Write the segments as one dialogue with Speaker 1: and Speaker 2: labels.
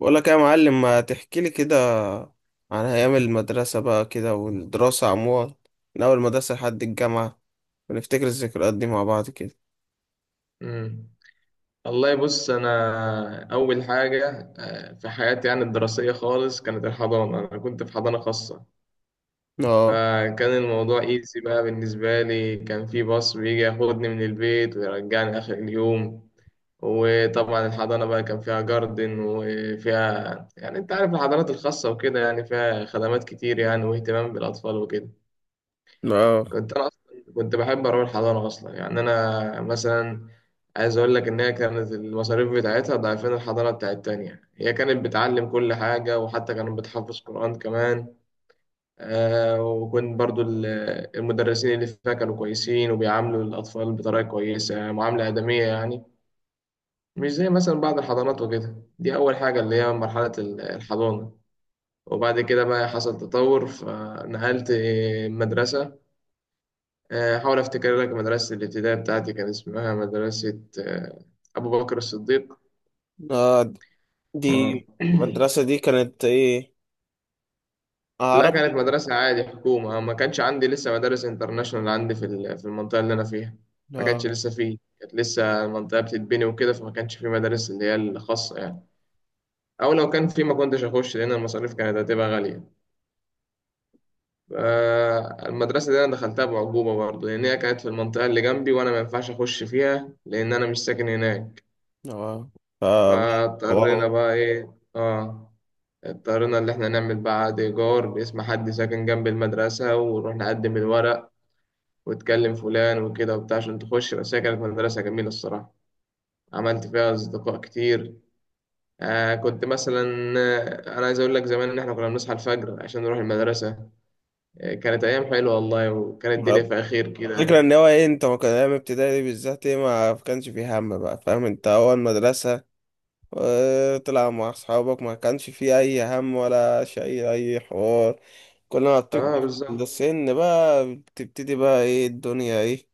Speaker 1: بقول لك يا معلم، ما تحكي لي كده عن ايام المدرسه بقى كده والدراسه عموما، من اول المدرسه لحد الجامعه، ونفتكر الذكريات دي مع بعض كده.
Speaker 2: مم. والله بص، انا اول حاجه في حياتي، يعني الدراسيه خالص، كانت الحضانه. انا كنت في حضانه خاصه،
Speaker 1: اه.
Speaker 2: فكان الموضوع ايزي بقى بالنسبه لي. كان في باص بيجي ياخدني من البيت ويرجعني اخر اليوم. وطبعا الحضانه بقى كان فيها جاردن، وفيها يعني انت عارف الحضانات الخاصه وكده، يعني فيها خدمات كتير يعني، واهتمام بالاطفال وكده.
Speaker 1: اه.
Speaker 2: كنت انا اصلا كنت بحب اروح الحضانه اصلا، يعني انا مثلا عايز اقول لك ان هي كانت المصاريف بتاعتها ضعفين الحضانه بتاعت التانية. هي كانت بتعلم كل حاجه، وحتى كانت بتحفظ قران كمان. وكنت برضو المدرسين اللي فيها كانوا كويسين، وبيعاملوا الاطفال بطريقه كويسه، معامله ادميه يعني، مش زي مثلا بعض الحضانات وكده. دي اول حاجه، اللي هي مرحله الحضانه. وبعد كده بقى حصل تطور، فنقلت مدرسه. حاول افتكر لك، مدرسة الابتدائي بتاعتي كان اسمها مدرسة ابو بكر الصديق.
Speaker 1: اه دي،
Speaker 2: آه.
Speaker 1: المدرسه دي كانت ايه؟
Speaker 2: لا، كانت
Speaker 1: عربي؟
Speaker 2: مدرسة عادي، حكومة. ما كانش عندي لسه مدارس انترناشونال عندي في في المنطقة اللي أنا فيها. ما كانش
Speaker 1: اه.
Speaker 2: لسه فيه، كانت لسه المنطقة بتتبني وكده، فما كانش في مدارس اللي هي الخاصة يعني، أو لو كان في ما كنتش أخش لأن المصاريف كانت هتبقى غالية. ف- المدرسة دي أنا دخلتها بعجوبة برضه، لأن هي كانت في المنطقة اللي جنبي، وأنا ما ينفعش أخش فيها لأن أنا مش ساكن هناك.
Speaker 1: اه. ف- والله
Speaker 2: فاضطرينا بقى ايه، اه، اضطرينا اللي احنا نعمل بقى عقد ايجار باسم حد ساكن جنب المدرسة، ونروح نقدم الورق، وتكلم فلان وكده وبتاع عشان تخش. بس هي كانت مدرسة جميلة الصراحة، عملت فيها أصدقاء كتير. آه كنت مثلا أنا عايز أقول لك زمان، إن إحنا كنا بنصحى الفجر عشان نروح المدرسة. كانت أيام حلوة والله، وكانت الدنيا في خير كده.
Speaker 1: الفكرة ان هو ايه، انت ما كان ايام ابتدائي بالذات ايه، ما كانش فيه هم بقى، فاهم؟ انت اول مدرسة وتلعب مع أصحابك، ما كانش فيه أي هم ولا شيء أي حوار. كل ما بتكبر
Speaker 2: اه بالظبط.
Speaker 1: السن بقى بتبتدي بقى إيه الدنيا إيه،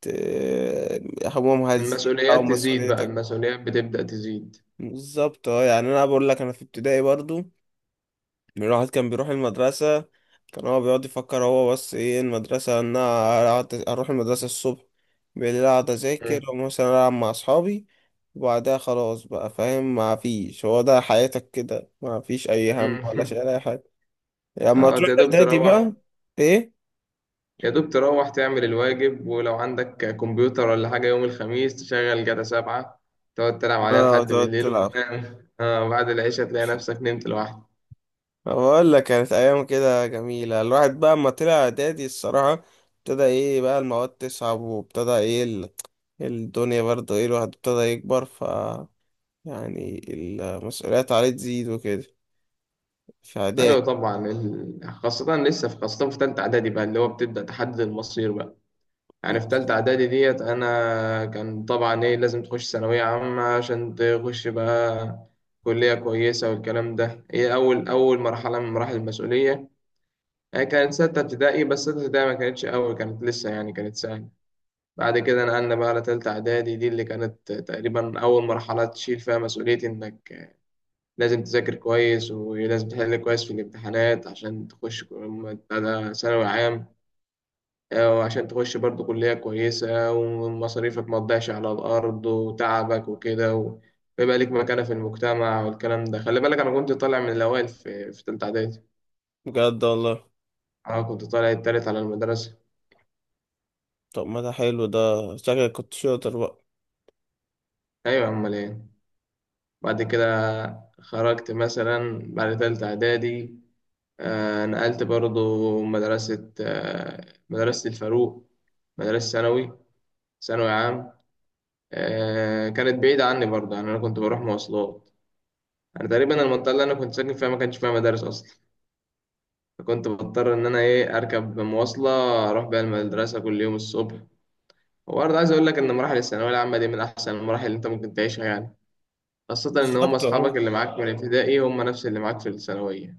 Speaker 1: همومها تزيد أو
Speaker 2: المسؤوليات تزيد بقى،
Speaker 1: مسؤوليتك.
Speaker 2: المسؤوليات بتبدأ تزيد.
Speaker 1: بالظبط اه. يعني أنا بقول لك أنا في ابتدائي برضو، الواحد كان بيروح المدرسة، كان هو بيقعد يفكر هو بس ايه المدرسة ان انا اروح المدرسة الصبح، بالليل اقعد اذاكر
Speaker 2: مم.
Speaker 1: ومثلا العب مع اصحابي. وبعدها خلاص بقى، فاهم؟ ما فيش، هو ده حياتك كده، ما فيش اي هم ولا شيء
Speaker 2: مم.
Speaker 1: ولا اي حاجة. يعني لما
Speaker 2: اه،
Speaker 1: تروح
Speaker 2: تقدر
Speaker 1: اعدادي
Speaker 2: تروح
Speaker 1: بقى. ايه؟
Speaker 2: يا دوب، تروح تعمل الواجب. ولو عندك كمبيوتر ولا حاجة، يوم الخميس تشغل جاتا 7، تقعد تلعب عليها
Speaker 1: بقى
Speaker 2: لحد
Speaker 1: تقعد
Speaker 2: بالليل،
Speaker 1: تلعب.
Speaker 2: وتنام بعد العشاء تلاقي نفسك نمت لوحدك.
Speaker 1: بقول لك كانت ايام كده جميلة. الواحد بقى اما طلع اعدادي الصراحة ابتدى ايه بقى المواد تصعب، وابتدى ايه الدنيا برضه ايه، الواحد ابتدى يكبر، ف يعني المسؤوليات عليه تزيد وكده في اعداد.
Speaker 2: أيوة طبعا. خاصة لسه في، خاصة في تالتة إعدادي بقى، اللي هو بتبدأ تحدد المصير بقى. يعني في تالتة إعدادي ديت، أنا كان طبعا إيه، لازم تخش ثانوية عامة عشان تخش بقى كلية كويسة والكلام ده. هي أول أول مرحلة من مراحل المسؤولية. هي كانت 6 ابتدائي، بس 6 ابتدائي ما كانتش أول، كانت لسه يعني كانت سهلة. بعد كده نقلنا بقى على تالتة إعدادي دي، اللي كانت تقريبا أول مرحلة تشيل فيها مسؤولية، إنك لازم تذاكر كويس، ولازم تحل كويس في الامتحانات عشان تخش بتاع ثانوي عام. وعشان تخش برضو كلية كويسة، ومصاريفك ما تضيعش على الأرض وتعبك وكده، ويبقى ليك مكانة في المجتمع والكلام ده. خلي بالك، أنا كنت طالع من الأوائل في تالتة إعدادي.
Speaker 1: بجد والله؟
Speaker 2: أنا كنت طالع التالت على المدرسة.
Speaker 1: طب ما ده حلو ده، شكلك كنت شاطر بقى.
Speaker 2: أيوة أمال إيه. بعد كده خرجت مثلا بعد تالتة إعدادي، نقلت برضو مدرسة، مدرسة الفاروق، مدرسة ثانوي، ثانوي عام. كانت بعيدة عني برضو، يعني أنا كنت بروح مواصلات. أنا تقريبا المنطقة اللي أنا كنت ساكن فيها ما كانش فيها مدارس أصلا، فكنت بضطر إن أنا إيه أركب مواصلة أروح بيها المدرسة كل يوم الصبح. وبرضه عايز أقول لك إن مراحل الثانوية العامة دي من أحسن المراحل اللي أنت ممكن تعيشها يعني، خاصة إن هم
Speaker 1: بالظبط اهو.
Speaker 2: أصحابك اللي معاك من الابتدائي هم نفس اللي معاك في الثانوية.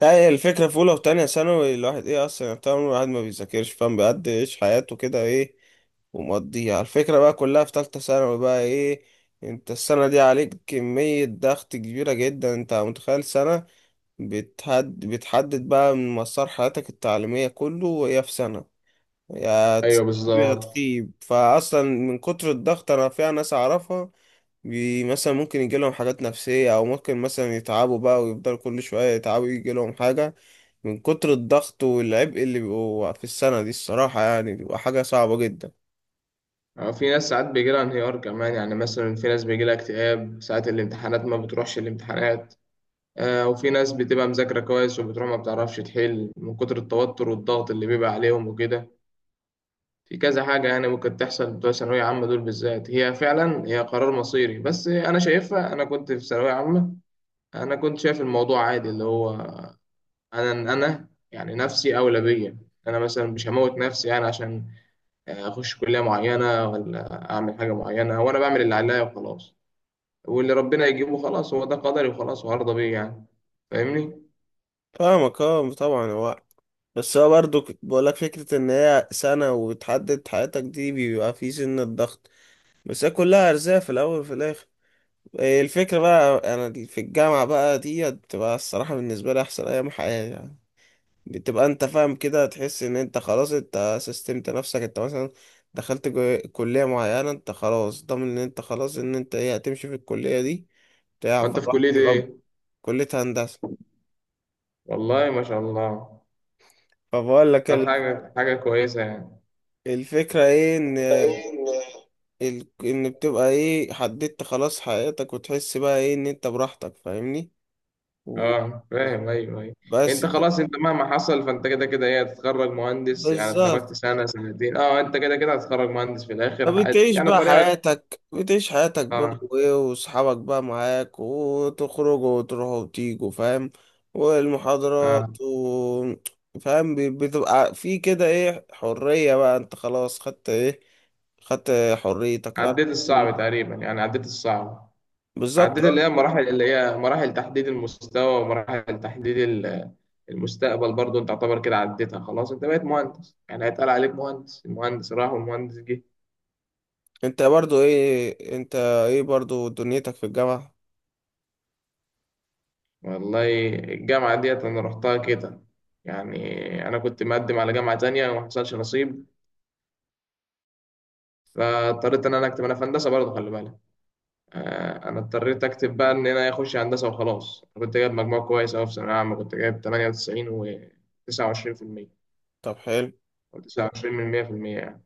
Speaker 1: لا، هي الفكرة في أولى وتانية ثانوي الواحد إيه أصلا، يعني طول الواحد ما بيذاكرش، فاهم؟ بيقعد يعيش حياته كده إيه، ومقضيها على الفكرة بقى كلها في تالتة ثانوي بقى. ايه؟ انت السنة دي عليك كمية ضغط كبيرة جدا، انت متخيل سنة بتحدد بقى من مسار حياتك التعليمية كله، وهي في سنة، يا
Speaker 2: أيوه
Speaker 1: تسيب يا
Speaker 2: بالظبط.
Speaker 1: تخيب. فاصلا من كتر الضغط، انا فيها ناس اعرفها بي مثلا ممكن يجي لهم حاجات نفسيه، او ممكن مثلا يتعبوا بقى ويفضلوا كل شويه يتعبوا يجي لهم حاجه من كتر الضغط والعبء اللي بيبقوا في السنه دي الصراحه، يعني بيبقى حاجه صعبه جدا.
Speaker 2: اه، في ناس ساعات بيجي لها انهيار كمان. يعني مثلا في ناس بيجي لها اكتئاب ساعة الامتحانات ما بتروحش الامتحانات. وفي ناس بتبقى مذاكرة كويس وبتروح ما بتعرفش تحل من كتر التوتر والضغط اللي بيبقى عليهم وكده. في كذا حاجة يعني ممكن تحصل بتوع ثانوية عامة دول بالذات، هي فعلا هي قرار مصيري. بس أنا شايفها، أنا كنت في ثانوية عامة أنا كنت شايف الموضوع عادي، اللي هو أنا يعني نفسي أولى بيا. أنا مثلا مش هموت نفسي يعني عشان اخش كليه معينه ولا اعمل حاجه معينه، وانا بعمل اللي عليا وخلاص، واللي ربنا يجيبه خلاص هو ده قدري وخلاص وهرضى بيه يعني. فاهمني؟
Speaker 1: فاهمك اه، طبعا. هو بس هو برضو بقولك فكره ان هي سنه وتحدد حياتك دي، بيبقى في سن الضغط، بس هي كلها ارزاق في الاول وفي الاخر. الفكرة بقى أنا في الجامعة بقى دي بتبقى الصراحة بالنسبة لي أحسن أيام حياتي يعني. بتبقى أنت فاهم كده، تحس إن أنت خلاص أنت سيستمت نفسك، أنت مثلا دخلت كلية معينة، أنت خلاص ضامن إن أنت خلاص، إن أنت إيه هتمشي في الكلية دي بتاع،
Speaker 2: وانت في
Speaker 1: فالواحد
Speaker 2: كليه
Speaker 1: بيبقى.
Speaker 2: ايه؟
Speaker 1: كلية هندسة.
Speaker 2: والله ما شاء الله.
Speaker 1: فبقول لك
Speaker 2: طب حاجه، حاجه كويسه يعني.
Speaker 1: الفكرة إيه، إن إن بتبقى إيه حددت خلاص حياتك وتحس بقى إيه إن أنت براحتك، فاهمني؟ و...
Speaker 2: اه
Speaker 1: و-
Speaker 2: فاهم، ايوه، ايوه.
Speaker 1: بس
Speaker 2: انت
Speaker 1: بقى.
Speaker 2: خلاص، انت مهما حصل فانت كده كده ايه هتتخرج مهندس. يعني اتخرجت
Speaker 1: بالظبط.
Speaker 2: سنه سنتين اه، انت كده كده هتتخرج مهندس في الاخر.
Speaker 1: فبتعيش
Speaker 2: يعني
Speaker 1: بقى
Speaker 2: طريقه.
Speaker 1: حياتك، بتعيش حياتك بقى
Speaker 2: اه.
Speaker 1: وايه، واصحابك بقى معاك، وتخرجوا وتروحوا وتيجوا، فاهم؟
Speaker 2: اه.
Speaker 1: والمحاضرات و... فاهم؟ بتبقى في كده ايه، حرية بقى، انت خلاص خدت ايه، خدت حريتك
Speaker 2: عديت
Speaker 1: خدت-
Speaker 2: الصعب تقريبا يعني، عديت الصعب.
Speaker 1: بالظبط
Speaker 2: عديت اللي
Speaker 1: اه.
Speaker 2: هي مراحل اللي هي مراحل تحديد المستوى، ومراحل تحديد المستقبل برضو. انت تعتبر كده عديتها خلاص، انت بقيت مهندس يعني. هيتقال عليك مهندس، المهندس راح والمهندس جه.
Speaker 1: انت برضو ايه انت، ايه برضو دنيتك في الجامعة؟
Speaker 2: والله الجامعة ديت انا رحتها كده. يعني انا كنت مقدم على جامعة تانية وما حصلش نصيب، فاضطريت ان انا اكتب انا في هندسة برضه خلي بالك. انا اضطريت اكتب بقى ان انا اخش هندسة وخلاص. انا كنت جايب مجموع كويس اوي في ثانوية عامة، كنت جايب 98 و 29%،
Speaker 1: طب حلو.
Speaker 2: او 29 من 100%.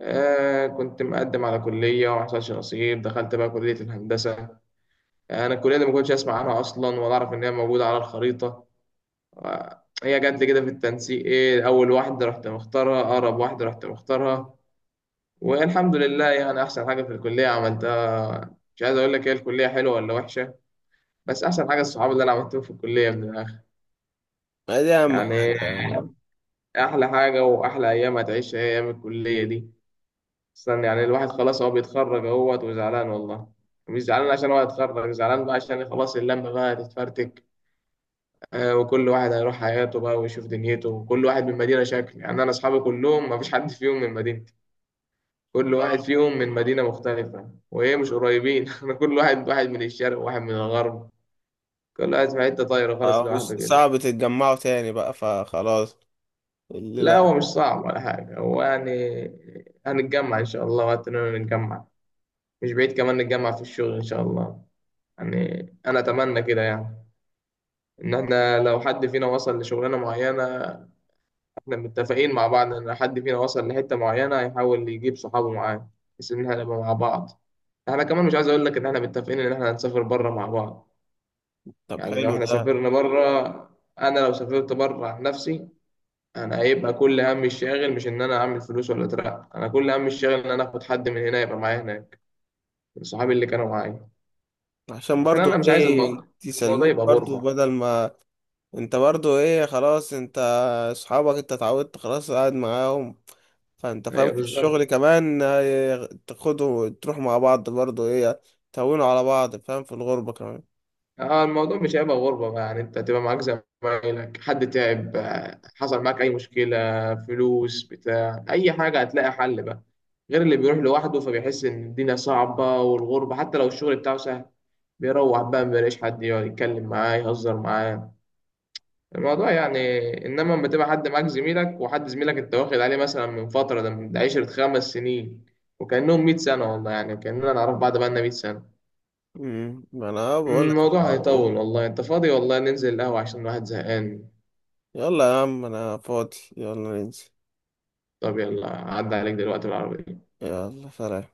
Speaker 2: كنت مقدم على كلية وما حصلش نصيب، دخلت بقى كلية الهندسة. يعني أنا الكلية دي ما كنتش أسمع عنها أصلا، ولا أعرف إن هي موجودة على الخريطة. هي جت لي كده في التنسيق، إيه، أول واحدة رحت مختارها، أقرب واحدة رحت مختارها. والحمد لله يعني، أحسن حاجة في الكلية عملتها. مش عايز أقول لك هي الكلية حلوة ولا وحشة، بس أحسن حاجة الصحاب اللي أنا عملتهم في الكلية، من الآخر
Speaker 1: ما دي اهم حاجة
Speaker 2: يعني،
Speaker 1: يعني.
Speaker 2: أحلى حاجة وأحلى أيام هتعيشها هي أيام الكلية دي. استنى يعني، الواحد خلاص هو بيتخرج اهوت وزعلان والله. مش زعلان عشان هو هيتخرج، زعلان بقى عشان خلاص اللمة بقى هتتفرتك. وكل واحد هيروح حياته بقى ويشوف دنيته، وكل واحد من مدينة شكل. يعني أنا أصحابي كلهم ما فيش حد فيهم من مدينتي، كل واحد
Speaker 1: اه.
Speaker 2: فيهم من مدينة مختلفة، وإيه مش قريبين. أنا كل واحد، واحد من الشرق وواحد من الغرب، كل واحد في حتة طايرة خالص
Speaker 1: آه.
Speaker 2: لوحده كده.
Speaker 1: صعب تتجمعوا تاني بقى فخلاص
Speaker 2: لا
Speaker 1: الليلة.
Speaker 2: هو مش صعب ولا حاجة هو يعني، هنتجمع إن شاء الله وقت إننا نتجمع، مش بعيد كمان نتجمع في الشغل إن شاء الله. يعني انا اتمنى كده يعني، ان احنا لو حد فينا وصل لشغلانه معينه، احنا متفقين مع بعض ان حد فينا وصل لحته معينه هيحاول يجيب صحابه معاه، بحيث ان احنا نبقى مع بعض. احنا كمان مش عايز اقول لك ان احنا متفقين ان احنا هنسافر بره مع بعض.
Speaker 1: طب
Speaker 2: يعني لو
Speaker 1: حلو
Speaker 2: احنا
Speaker 1: ده.
Speaker 2: سافرنا بره، انا لو سافرت بره عن نفسي، انا هيبقى كل همي الشاغل مش ان انا اعمل فلوس ولا اترقى، انا كل همي الشاغل ان انا اخد حد من هنا يبقى معايا هناك، من صحابي اللي كانوا معايا.
Speaker 1: عشان
Speaker 2: عشان
Speaker 1: برضو
Speaker 2: انا مش عايز
Speaker 1: ايه
Speaker 2: الموضوع، الموضوع
Speaker 1: يسلوك
Speaker 2: يبقى
Speaker 1: برضو،
Speaker 2: غربه.
Speaker 1: بدل ما انت برضو ايه، خلاص انت اصحابك انت اتعودت خلاص قاعد معاهم، فانت فاهم
Speaker 2: ايوه
Speaker 1: في الشغل
Speaker 2: بالظبط.
Speaker 1: كمان ايه، تاخدوا تروح مع بعض برضو ايه، تهونوا على بعض، فاهم؟ في الغربة كمان.
Speaker 2: اه، الموضوع مش هيبقى غربة بقى. يعني انت هتبقى معاك زمايلك، حد تعب حصل معاك اي مشكلة، فلوس بتاع اي حاجة، هتلاقي حل بقى. غير اللي بيروح لوحده فبيحس ان الدنيا صعبة والغربة، حتى لو الشغل بتاعه سهل، بيروح بقى مبيلاقيش حد يقعد يتكلم معاه يهزر معاه الموضوع يعني. انما لما تبقى حد معاك زميلك، وحد زميلك انت واخد عليه مثلا من فترة، ده من ده 10 5 سنين، وكأنهم 100 سنة والله، يعني كأننا نعرف بعض بقالنا 100 سنة.
Speaker 1: امم، ما انا بقول لك
Speaker 2: الموضوع
Speaker 1: الحوار ده.
Speaker 2: هيطول والله، انت فاضي؟ والله ننزل القهوة عشان الواحد زهقان.
Speaker 1: يلا يا عم انا فاضي، يلا ننزل.
Speaker 2: طب يلا، عدى عليك دلوقتي بالعربية.
Speaker 1: يلا سلام.